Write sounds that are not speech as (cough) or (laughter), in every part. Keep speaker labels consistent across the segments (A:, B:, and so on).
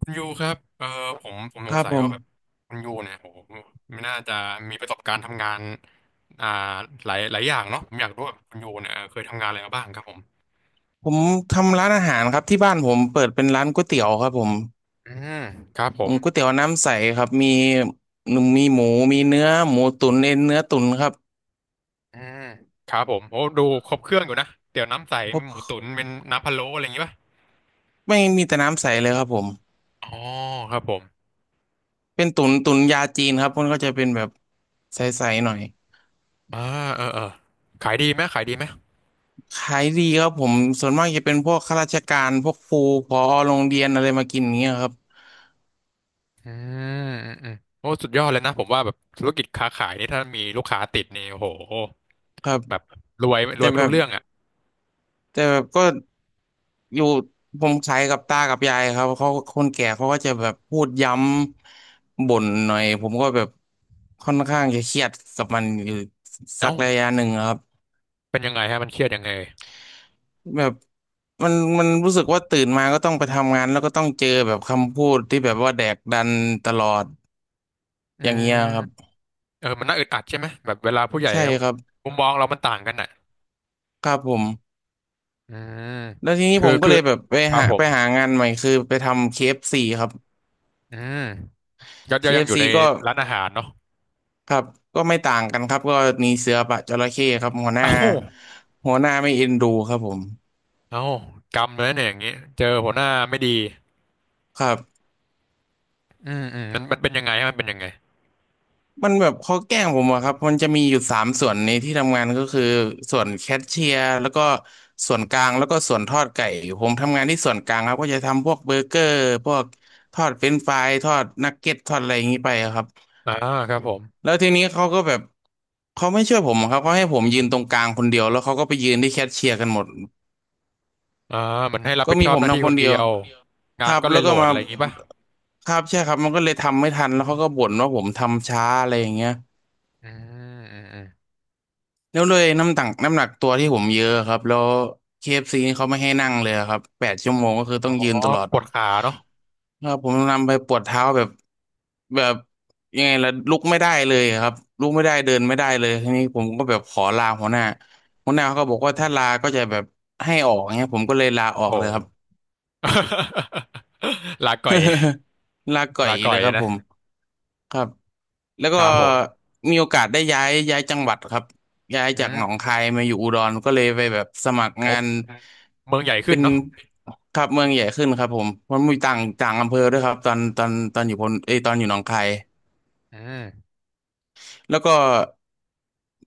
A: คุณยูครับผม
B: ค
A: สง
B: รับ
A: สัย
B: ผม
A: ว่าแบบคุณยูเนี่ยโอ้โหไม่น่าจะมีประสบการณ์ทำงานอ่าหลายหลายอย่างเนาะผมอยากรู้ว่าคุณยูเนี่ยเคยทำงานอะไรมาบ้างครับผม
B: ผมทำร้านอาหารครับที่บ้านผมเปิดเป็นร้านก๋วยเตี๋ยวครับผม
A: อืมครับผ
B: อื
A: ม
B: มก๋วยเตี๋ยวน้ำใสครับมีหนึ่งมีหมูมีเนื้อหมูตุ๋นเอ็นเนื้อตุ๋นครับ
A: อืมครับผมโอ้ดูครบเครื่องอยู่นะเตี๋ยวน้ำใส
B: เพ
A: มี
B: ราะ
A: หมูตุ๋นเป็นน้ำพะโล้อะไรอย่างงี้ป่ะ
B: ไม่มีแต่น้ำใสเลยครับผม
A: อ๋อครับผม
B: เป็นตุ๋นตุ๋นยาจีนครับมันก็จะเป็นแบบใสๆหน่อย
A: อ่าเออเออขายดีไหมขายดีไหม
B: ขายดีครับผมส่วนมากจะเป็นพวกข้าราชการพวกครูผอโรงเรียนอะไรมากินอย่างเงี้ยครับ
A: อืมอืมอืมโอ้สุดยอดเลยนะผมว่าแบบธุรกิจค้าขายนี่ถ้ามีลูกค้าติดนี่โอ้โห
B: ครับ
A: แบบรวยร
B: แต่
A: วยไม่
B: แบ
A: รู้
B: บ
A: เรื่องอ่ะ
B: แต่แบบก็ อยู่ผมขายกับตากับยายครับเขาคนแก่เขาก็จะแบบพูดย้ำบ่นหน่อยผมก็แบบค่อนข้างจะเครียดกับมันอยู่สั
A: เอ้า
B: กระยะหนึ่งครับ
A: เป็นยังไงฮะมันเครียดยังไง
B: แบบมันมันรู้สึกว่าตื่นมาก็ต้องไปทำงานแล้วก็ต้องเจอแบบคำพูดที่แบบว่าแดกดันตลอด
A: อื
B: อย่างเงี้
A: ม
B: ยครับ
A: เออมันน่าอึดอัดใช่ไหมแบบเวลาผู้ใหญ่
B: ใช่
A: ก็
B: ครับ
A: มุมมองเรามันต่างกันอ่ะ
B: ครับผม
A: อืม
B: แล้วทีนี้
A: คือ
B: ผมก็
A: คือ
B: เลยแบบ
A: ครับผ
B: ไป
A: ม
B: หางานใหม่คือไปทำ KFC คเอฟซีครับ
A: อืมก็
B: เค
A: ยั
B: เอ
A: ง
B: ฟ
A: อยู่
B: ซี
A: ใน
B: ก็
A: ร้านอาหารเนาะ
B: ครับก็ไม่ต่างกันครับก็มีเสือปะจระเข้ครับ
A: เอ้า
B: หัวหน้าไม่เอ็นดูครับผม
A: เอ้ากรรมเลยเนี่ยอย่างงี้เจอหัวหน้าไม่ดี
B: ครับ
A: อืมอืมมันมันเป็นยังไงฮะมันเป็นยังไง
B: มันแบบเขาแกล้งผมอะครับมันจะมีอยู่สามส่วนในที่ทำงานก็คือส่วนแคชเชียร์แล้วก็ส่วนกลางแล้วก็ส่วนทอดไก่ผมทำงานที่ส่วนกลางครับก็จะทำพวกเบอร์เกอร์พวกทอดเฟรนช์ฟรายทอดนักเก็ตทอดอะไรอย่างนี้ไปอะครับ
A: อ่าครับผม
B: แล้วทีนี้เขาก็แบบเขาไม่ช่วยผมอะครับเขาให้ผมยืนตรงกลางคนเดียวแล้วเขาก็ไปยืนที่แคชเชียร์กันหมด
A: อ่าเหมือนให้รับ
B: ก็
A: ผิด
B: มี
A: ชอบ
B: ผ
A: ห
B: ม
A: น้าที่
B: ทำค
A: ค
B: น
A: นเดี
B: เดียว
A: ยวงา
B: ค
A: น
B: รั
A: มัน
B: บ
A: ก็เล
B: แล้
A: ย
B: ว
A: โหล
B: ก็
A: ด
B: มา
A: อะไรอย่างงี้ป่ะ
B: ครับใช่ครับมันก็เลยทำไม่ทันแล้วเขาก็บ่นว่าผมทำช้าอะไรอย่างเงี้ย
A: อืมอืมอืม
B: แล้วเลยน้ำหนักตัวที่ผมเยอะครับแล้วเคเอฟ f c นี่เขาไม่ให้นั่งเลยครับแปดชั่วโมงก็คือ
A: อ๋
B: ต้อ
A: อ
B: งยืนตลอด
A: ปวดขาเนาะ
B: ครับผมนำไปปวดเท้าแบบแบบยังไงล่ะลุกไม่ได้เลยครับลุกไม่ได้เดินไม่ได้เลยทีนี้ผมก็แบบขอลาหัวหน้าหัวหน้าเขาก็บอกว่า
A: อืม
B: ถ้าลาก็จะแบบให้ออกเงี้ยผมก็เลยลาอ
A: โอ้
B: อก
A: โห
B: เลยครับ
A: (laughs) ลาก่อย
B: (laughs) ลาก่อย
A: ลาก่อ
B: เล
A: ย
B: ยครับ
A: นะ
B: ผมครับแล้ว
A: ค
B: ก็
A: รับผม
B: มีโอกาสได้ย้ายจังหวัดครับย้าย
A: อื
B: จากหนอง
A: ม
B: คายมาอยู่อุดรก็เลยไปแบบสมัคร
A: ผ
B: งา
A: ม
B: น
A: เมืองใหญ่ขึ้
B: เป็
A: น
B: น
A: เนาะ
B: ครับเมืองใหญ่ขึ้นครับผมมันมีต่างต่างอำเภอด้วยครับตอนอยู่พนเอยตอนอยู่หนองคาย
A: อืม
B: แล้วก็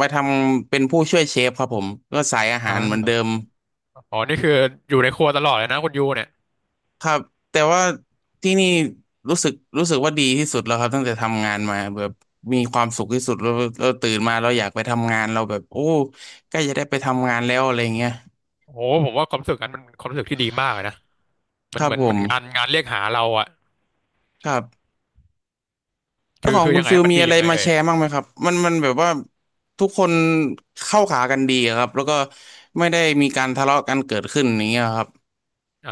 B: มาทำเป็นผู้ช่วยเชฟครับผมก็สายอา
A: อ่
B: หารเหมือนเดิม
A: าอ๋อนี่คืออยู่ในครัวตลอดเลยนะคุณยูเนี่ย
B: ครับแต่ว่าที่นี่รู้สึกว่าดีที่สุดแล้วครับตั้งแต่ทำงานมาแบบมีความสุขที่สุดแล้วเราตื่นมาเราอยากไปทำงานเราแบบโอ้ใกล้จะได้ไปทำงานแล้วอะไรเงี้ย
A: โอ้โหผมว่าความรู้สึกนั้นมันความรู้สึกที่ดีมากเลยนะมั
B: ค
A: น
B: รั
A: เห
B: บ
A: มือน
B: ผ
A: เหมือน
B: ม
A: งานงานเรียกหาเราอะ
B: ครับแล้
A: คื
B: ว
A: อ
B: ของ
A: คือ
B: คุ
A: ยั
B: ณ
A: งไง
B: ฟิ
A: ให้
B: ล
A: มัน
B: มี
A: ดี
B: อะ
A: ยั
B: ไร
A: งไง
B: มา
A: เอ่ย
B: แชร์บ้างไหมครับมันแบบว่าทุกคนเข้าขากันดีอะครับแล้วก็ไม่ได้มีการทะเลาะกันเกิดขึ้นอย่างเงี้ยครับ
A: อ่า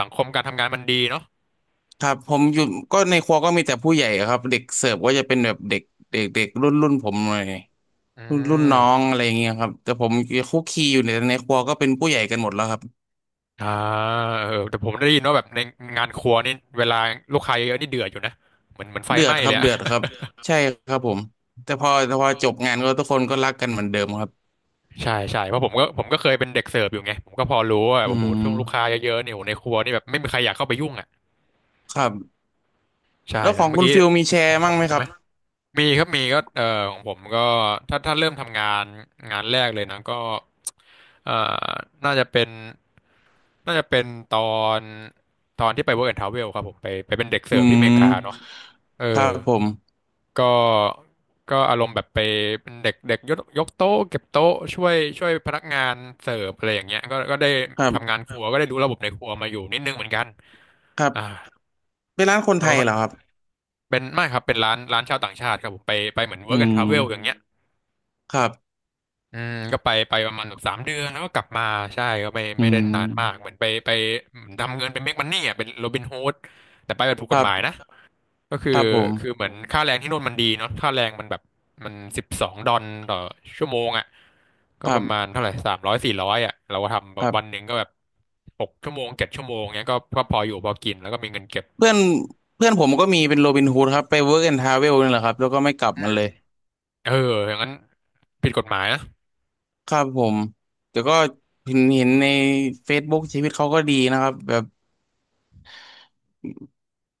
A: สังคมการทำงานมันดีเนาะ
B: ครับผมอยู่ก็ในครัวก็มีแต่ผู้ใหญ่อะครับเด็กเสิร์ฟก็จะเป็นแบบเด็กเด็กเด็กรุ่นรุ่นผมเลย
A: อื
B: รุ่นรุ่นน้
A: ม
B: องอะไรอย่างเงี้ยครับแต่ผมคุกคีอยู่ในครัวก็เป็นผู้ใหญ่กันหมดแล้วครับ
A: อ่าเออแต่ผมได้ยินว่าแบบในงานครัวนี่เวลาลูกค้าเยอะๆนี่เดือดอยู่นะเหมือนไฟ
B: เดื
A: ไห
B: อด
A: ม้
B: ครั
A: เล
B: บ
A: ยอะ
B: เดือดครับใช่ครับผมแต่พอจบงานก็ทุกคนก็รักกันเหมือนเดิมครับ
A: ใช่ใช่เพราะผมก็เคยเป็นเด็กเสิร์ฟอยู่ไงผมก็พอรู้ว่า
B: อื
A: โอ้โห
B: ม
A: ช่วงลูกค้าเยอะๆเนี่ยโอ้โหในครัวนี่แบบไม่มีใครอยากเข้าไปยุ่งอะ
B: ครับ
A: ใช่
B: แล้วข
A: แล้ว
B: อง
A: เมื่อ
B: คุณ
A: กี้
B: ฟิลมีแช
A: ขอ
B: ร์
A: งผ
B: มั่ง
A: ม
B: ไหม
A: ใช่
B: ค
A: ไห
B: รั
A: ม
B: บ
A: มีครับมีก็ของผมก็ถ้าเริ่มทำงานงานแรกเลยนะก็เอ่อน่าจะเป็นน่าจะเป็นตอนตอนที่ไป Work and Travel ครับผมไปเป็นเด็ก
B: อื
A: เสิร์ฟที่อเมริกาเนาะ
B: ม
A: เอ
B: ครั
A: อ
B: บผม
A: ก็ก็อารมณ์แบบไปเป็นเด็กเด็กยกโต๊ะเก็บโต๊ะช่วยพนักงานเสิร์ฟอะไรอย่างเงี้ยก็ได้
B: ครั
A: ทำงา
B: บ
A: นครัวก็ได้รู้ระบบในครัวมาอยู่นิดนึงเหมือนกัน
B: ครั
A: อ่า
B: บเป็นร้านคนไทยเหรอค
A: ก็
B: รับ
A: เป็นไม่ครับเป็นร้านร้านชาวต่างชาติครับผมไปเหมือน
B: อื
A: work and
B: ม
A: travel อย่างเงี้ย
B: ครับ
A: อืมก็ไปประมาณแบบสามเดือนแล้วก็กลับมาใช่ก็ไม่
B: อื
A: ไม่ได้นานมาก
B: ม
A: เหมือนไปทำเงินเป็นเมกมันนี่อ่ะเป็นโรบินฮูดแต่ไปแบบถูก
B: ค
A: กฎ
B: รั
A: ห
B: บ
A: มายนะก็คือ
B: ครับผม
A: คือเหมือนค่าแรงที่โนู่นมันดีเนาะค่าแรงมันแบบมันสิบสองดอลต่อชั่วโมงอ่ะก็
B: ครั
A: ประมา
B: บ
A: ณเท่าไหร่สามร้อยสี่ร้อยอ่ะเราก็ท
B: ครั
A: ำวันห
B: บ
A: นึ่งก็แบบหกชั่วโมงเจ็ดชั่วโมงเงี้ยก็พออยู่พอกินแล้วก็มีเงินเก็บ
B: เพื่อนเพื่อนผมก็มีเป็นโรบินฮูดครับไปเวิร์กแอนด์ทราเวลนี่แหละครับแล้วก็ไม่กลับมาเลย
A: เอออย่างนั้นผิดกฎหมายนะ
B: ครับผมแต่ก็เห็นใน Facebook ชีวิตเขาก็ดีนะครับแบบ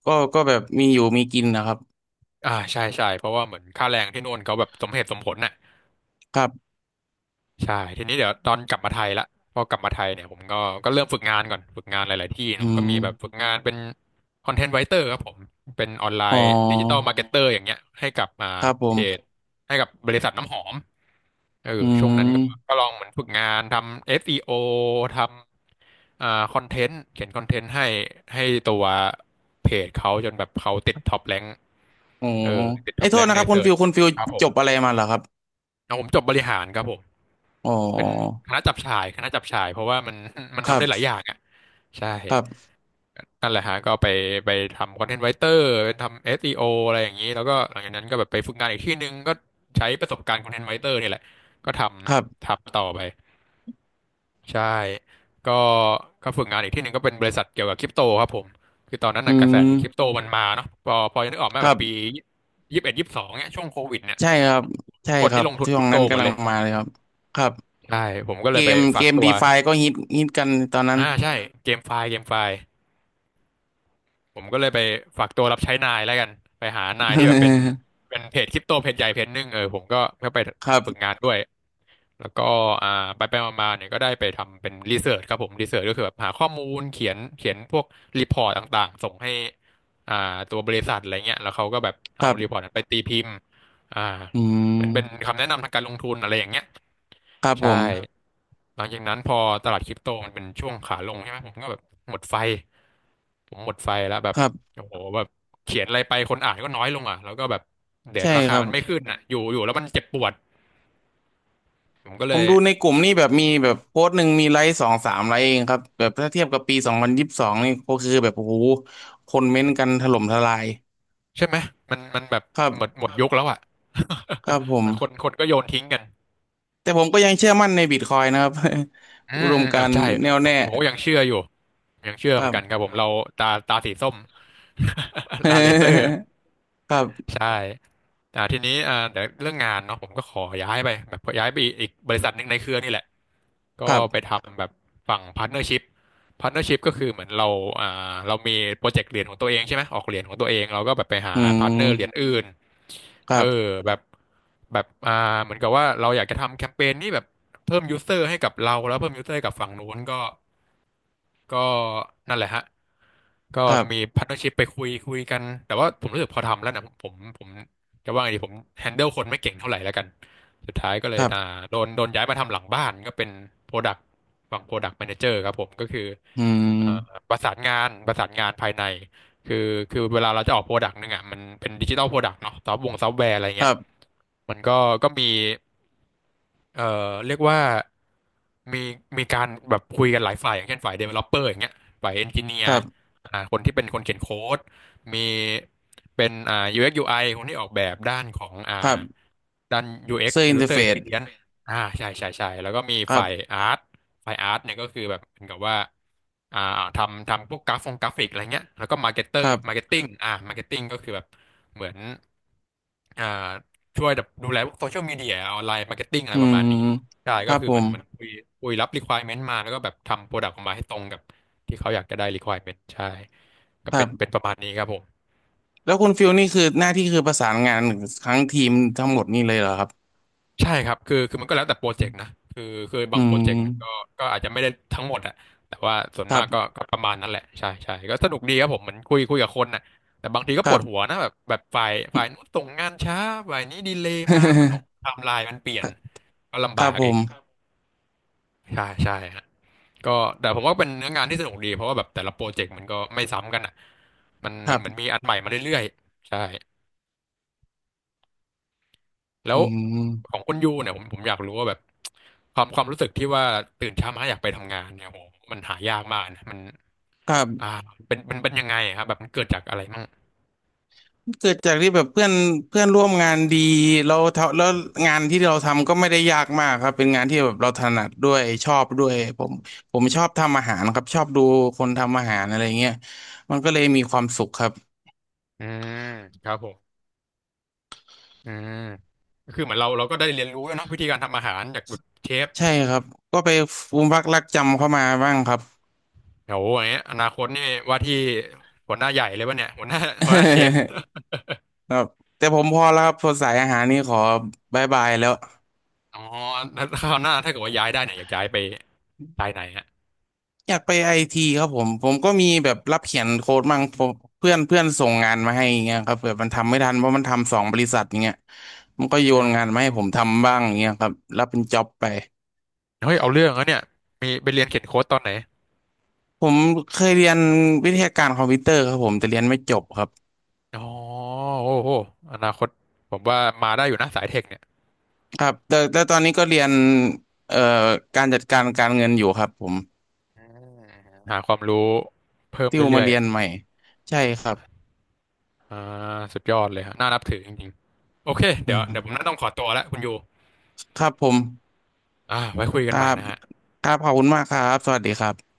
B: ก็แบบมีอยู่มีกินนะครับ
A: ใช่ใช่เพราะว่าเหมือนค่าแรงที่โน่นเขาแบบสมเหตุสมผลน่ะ
B: ครับ
A: ใช่ทีนี้เดี๋ยวตอนกลับมาไทยละพอกลับมาไทยเนี่ยผมก็ก็เริ่มฝึกงานก่อนฝึกงานหลายๆที่
B: อื
A: เนาะก็
B: ม
A: มีแบบฝึกงานเป็นคอนเทนต์ไ i เตอร์ครับผมเป็นออนไล
B: อ๋
A: น์ดิจิตอลมา
B: อ
A: ร์เก็ตเตอร์อย่างเงี้ยให้กับ
B: ครับผ
A: เพจ
B: ม
A: ให้กับบริษัทน้ำหอมเออ
B: อื
A: ช่วงนั้นก็ก็
B: ม
A: ลองเหมือนฝึกงานทำ SEO ทำคอนเทนต์เขียนคอนเทนต์ให้ตัวเพจเขาจนแบบเขาติดท็อปแรง
B: อ๋อ
A: เออติดท็
B: ไอ้
A: อ
B: ย
A: ป
B: โท
A: แร
B: ษ
A: ง
B: นะ
A: ใน
B: ครับ
A: เสิร์ช
B: คุณฟิว
A: ครับผ
B: จ
A: ม
B: บอะไรมาเหรอครับ
A: แล้วผมจบบริหารครับผม
B: อ๋
A: เป็น
B: อ
A: คณะจับฉ่ายคณะจับฉ่ายเพราะว่ามัน (laughs) มัน
B: ค
A: ทำ
B: รั
A: ได้หลายอ
B: บ
A: ย่างอ่ะใช่
B: ครับ
A: นั่นแหละฮะก็ไปไปทำคอนเทนต์ไ i เตอร์ไปทำ SEO อสอีโออะไรอย่างนี้แล้วก็หลังจากนั้นก็แบบไปฝึกงานอีกที่หนึ่งก็ใช้ประสบการณ์คอนเทนต์ไ i เตอร์นี่แหละก็ท
B: ครั
A: ำ
B: บ
A: ทำต่อไปใช่ก็ก็ฝึกงานอีกที่หนึ่งก็เป็นบริษัทเกี่ยวกับคริปโตครับผมคือตอนนั้น
B: อื
A: น่ะกระแส
B: ม
A: คริปโตมันมาเนาะพอจะนึกออกไหม
B: ค
A: แบ
B: รั
A: บ
B: บ
A: ปียี่สิบเอ็ดยี่สิบสองเนี่ยช่วงโควิดเนี่ย
B: ใช่ครับใช่
A: คน
B: ครั
A: นี่
B: บ
A: ลงทุน
B: ช่
A: ค
B: ว
A: ริ
B: ง
A: ปโต
B: นั้น
A: หมด
B: กำลั
A: เล
B: ง
A: ย
B: มาเลยครับครับ
A: ใช่ผมก็เลยไปฝา
B: เก
A: ก
B: ม
A: ตัว
B: ดีฟาก็ฮิตกันตอนนั้น
A: ใช่เกมไฟล์ผมก็เลยไปฝากตัวรับใช้นายแล้วกันไปหานายที่แบบเป็น
B: (laughs)
A: เป็นเพจคริปโตเพจใหญ่เพจหนึ่งเออผมก็ไป
B: ครับ
A: ฝึกงานด้วยแล้วก็อ่าไปมาๆเนี่ยก็ได้ไปทำเป็นรีเสิร์ชครับผมรีเสิร์ชก็คือแบบหาข้อมูลเขียนพวกรีพอร์ตต่างๆส่งให้อ่าตัวบริษัทอะไรเงี้ยแล้วเขาก็แบบ
B: ค
A: เอา
B: รั
A: รีพอร์ต
B: บ
A: นั้นไปตีพิมพ์อ่า
B: อื
A: เหมือนเป็น
B: ม
A: คำแนะนำทางการลงทุนอะไรอย่างเงี้ย
B: ครับผ
A: ใช่
B: ม
A: หลังจากนั้นพอตลาดคริปโตมันเป็นช่วงขาลงใช่ไหมผมก็แบบหมดไฟผมหมดไฟแล้วแบบ
B: ครับ
A: โอ้โหแบบเขียนอะไรไปคนอ่านก็น้อยลงอ่ะแล้วก็แบบเหรียญ
B: ใช่
A: รา
B: ค
A: คา
B: รั
A: มั
B: บ
A: นไม่ขึ้นอ่ะอยู่แล้วมันเจ็บปวดผมก็
B: ผ
A: เล
B: ม
A: ย
B: ดูในกลุ่มนี่แบบมีแบบโพสต์หนึ่งมีไลค์สองสามไลค์เองครับแบบถ้าเทียบกับปีสองพันยี่สิบสองนี่ก็คือแบบโอ้โหคนเม้นต์กันถล่มทลาย
A: ใช่ไหมมันแบบ
B: ครั
A: หมดหม
B: บ
A: ดยุคแล้วอ่ะ
B: ครับผ
A: (laughs)
B: ม
A: มันคนก็โยนทิ้งกัน
B: แต่ผมก็ยังเชื่อมั่นในบิตคอยน์นะครับ
A: อื
B: (laughs) อุ
A: ม
B: ด
A: อื
B: ม
A: ม
B: กา
A: อ่ะ
B: รณ์
A: ใช่ก
B: แน่ว
A: ผม
B: แน่
A: ผมเก็ยังเชื่ออยู่ยังเชื่อ
B: ค
A: เหมื
B: รั
A: อน
B: บ
A: กันครับผมเราตาสีส้ม (laughs) ตาเลเซอร์
B: (laughs) ครับ
A: ใช่ทีนี้เดี๋ยวเรื่องงานเนาะผมก็ขอย้ายไปแบบย้ายไปอีกบริษัทหนึ่งในเครือนี่แหละ ก็
B: ครั
A: ไป
B: บ
A: ทำแบบฝั่งพาร์ทเนอร์ชิพพาร์ทเนอร์ชิพก็คือเหมือนเราอ่าเรามีโปรเจกต์เหรียญของตัวเองใช่ไหมออกเหรียญของตัวเองเราก็แบบไปหา
B: อื
A: พาร์ทเนอร์เหรียญ
B: ม
A: อื่น
B: ค
A: เอ
B: รั
A: อ
B: บ
A: แบบแบบอ่าเหมือนกับว่าเราอยากจะทำแคมเปญนี้แบบเพิ่มยูเซอร์ให้กับเราแล้วเพิ่มยูเซอร์ให้กับฝั่งนู้นก็ ก็นั่นแหละฮะก็
B: ครั
A: มี
B: บ
A: พาร์ทเนอร์ชิพไปคุยกันแต่ว่าผมรู้สึกพอทำแล้วนะผมจะว่าไงดีผมแฮนเดิลคนไม่เก่งเท่าไหร่แล้วกันสุดท้ายก็เล
B: ค
A: ย
B: รับ
A: โดนย้ายมาทำหลังบ้านก็เป็นโปรดักต์ฝั่งโปรดักต์แมเนเจอร์ครับผมก็คือ
B: อื
A: เอ่อ
B: ม
A: ประสานงานภายในคือคือเวลาเราจะออกโปรดักต์นึงอ่ะมันเป็นดิจิตอลโปรดักต์เนาะซอฟต์แวร์อะไร
B: ค
A: เงี้ย
B: รับ
A: มันก็ก็มี เอ่อเรียกว่ามีการแบบคุยกันหลายฝ่ายอย่างเช่นฝ่าย developer อย่างเงี้ยฝ่าย engineer
B: ครับ
A: คนที่เป็นคนเขียนโค้ดมีเป็นUX UI คนที่ออกแบบด้านของ
B: ครับ
A: ด้าน
B: เซ
A: UX
B: อร์อินเทอร์
A: User
B: เฟซ
A: Experience ใช่ใช่แล้วก็มี
B: ครั
A: ฝ่าย
B: บ
A: อาร์ตฝ่ายอาร์ตเนี่ยก็คือแบบเหมือนกับว่าอ่าทำพวกกราฟงกราฟิกอะไรเงี้ยแล้วก็มาร์เก็ตเตอ
B: ค
A: ร์
B: รับ
A: มาร์เก็ตติ้งมาร์เก็ตติ้งก็คือแบบเหมือนอ่า ช่วยแบบดูแลพวกโซเชียลมีเดียออนไลน์มาร์เก็ตติ้งอะไร
B: อื
A: ประมาณนี้
B: ม
A: ใช่
B: ค
A: ก็
B: รับ
A: คือ
B: ผ
A: เห
B: ม
A: มันคุยรับ requirement มาแล้วก็แบบทำโปรดักต์ออกมาให้ตรงกับที่เขาอยากจะได้ requirement ใช่ก็
B: ครั
A: เป็น
B: บ
A: ประมาณนี้ครับผม
B: แล้วคุณฟิลนี่คือหน้าที่คือประสานงานทั้งทีมทั้งหมดนี่เลยเหรอครับ
A: ใช่ครับคือมันก็แล้วแต่โปรเจกต์นะคือบา
B: อื
A: งโปร
B: ม
A: เจกต์มันก็ก็อาจจะไม่ได้ทั้งหมดอะแต่ว่าส่วน
B: ครั
A: มา
B: บ
A: กก็ก็ประมาณนั้นแหละใช่ใช่ก็สนุกดีครับผมเหมือนคุยกับคนน่ะแต่บางทีก็
B: ค
A: ป
B: รั
A: วด
B: บ
A: หัวนะแบบฝ่ายนู้นส่งงานช้าฝ่ายนี้ดีเลย์มามันไทม์ไลน์มันเปลี่ยนก็
B: (laughs)
A: ลำ
B: ค
A: บา
B: รับ
A: ก
B: ผ
A: อีก
B: ม
A: ใช่ใช่ฮะ ก็แต่ผมว่าเป็นเนื้องานที่สนุกดีเพราะว่าแบบแต่ละโปรเจกต์มันก็ไม่ซ้ำกันอ่ะ
B: ค
A: มัน
B: รั
A: เหมือนมี
B: บ
A: อันใหม่มาเรื่อยๆใช่แล้
B: อื
A: วข
B: ม
A: องคุณยูเนี่ยผมอยากรู้ว่าแบบความรู้สึกที่ว่าตื่นเช้ามาอยากไปทำงานเนี่ยโหมันหายากมากนะมัน
B: ครั
A: อ่า
B: บ
A: เป็นยังไงอะครับแบบมันเกิดจากอะไรมั่ง
B: เกิดจากที่แบบเพื่อนเพื่อนร่วมงานดีเราทำแล้วงานที่เราทำก็ไม่ได้ยากมากครับเป็นงานที่แบบเราถนัดด้วยชอบด้วยผมชอบทำอาหารครับชอบดูคนทำอาหารอะไรเงี้ยมันก็เลยมีความสุขครับ
A: อืมครับผมอืมก็คือเหมือนเราก็ได้เรียนรู้แล้วยเนาะวิธีการทำอาหารจากแบบเชฟ
B: ใช่ครับก็ไปฟูมฟักรักจำเข้ามาบ้างครับ
A: โหอย่างเงี้ยอนาคตนี่ว่าที่หัวหน้าใหญ่เลยป่ะเนี่ยหัวหน้าเชฟ
B: (laughs) ครับแต่ผมพอแล้วครับพอสายอาหารนี่ขอบายแล้ว
A: อ๋อแล้วคราวหน้าถ้าเกิดว่าย้ายได้เนี่ยอยากย้ายไปสายไหนฮะ
B: อยากไปไอทีครับผมผมก็มีแบบรับเขียนโค้ดมั่งผมเพื่อนเพื่อนส่งงานมาให้อย่างเงี้ยครับแบบมันทำไม่ทันเพราะมันทำสองบริษัทอย่างเงี้ยมันก็โย
A: อื
B: นงานมา
A: ม
B: ให้ผมทำบ้างอย่างเงี้ยครับรับเป็นจ็อบไป
A: เฮ้ยเอาเรื่องนะเนี่ยมีไปเรียนเขียนโค้ดตอนไหน
B: ผมเคยเรียนวิทยาการคอมพิวเตอร์ครับผมแต่เรียนไม่จบครับ
A: อ๋อโอ้โหอนาคตผมว่ามาได้อยู่นะสายเทคเนี่ย
B: ครับแต่ตอนนี้ก็เรียนเอ่อการจัดการการเงินอยู่ครับผม
A: หาความรู้เพิ่ม
B: ติวมา
A: เรื่อย
B: เรียนใหม่ใช่ครับ
A: ๆอ่าสุดยอดเลยฮะน่านับถือจริงๆโอเคเดี๋ยวผม
B: อ่า
A: น่าต้องขอตัวแล้วคุณยู
B: ครับผม
A: อ่าไว้คุยกั
B: ค
A: น
B: รั
A: ใหม่
B: บ
A: นะฮะ
B: ครับ ขอบคุณมากครับ สวัสดีครับ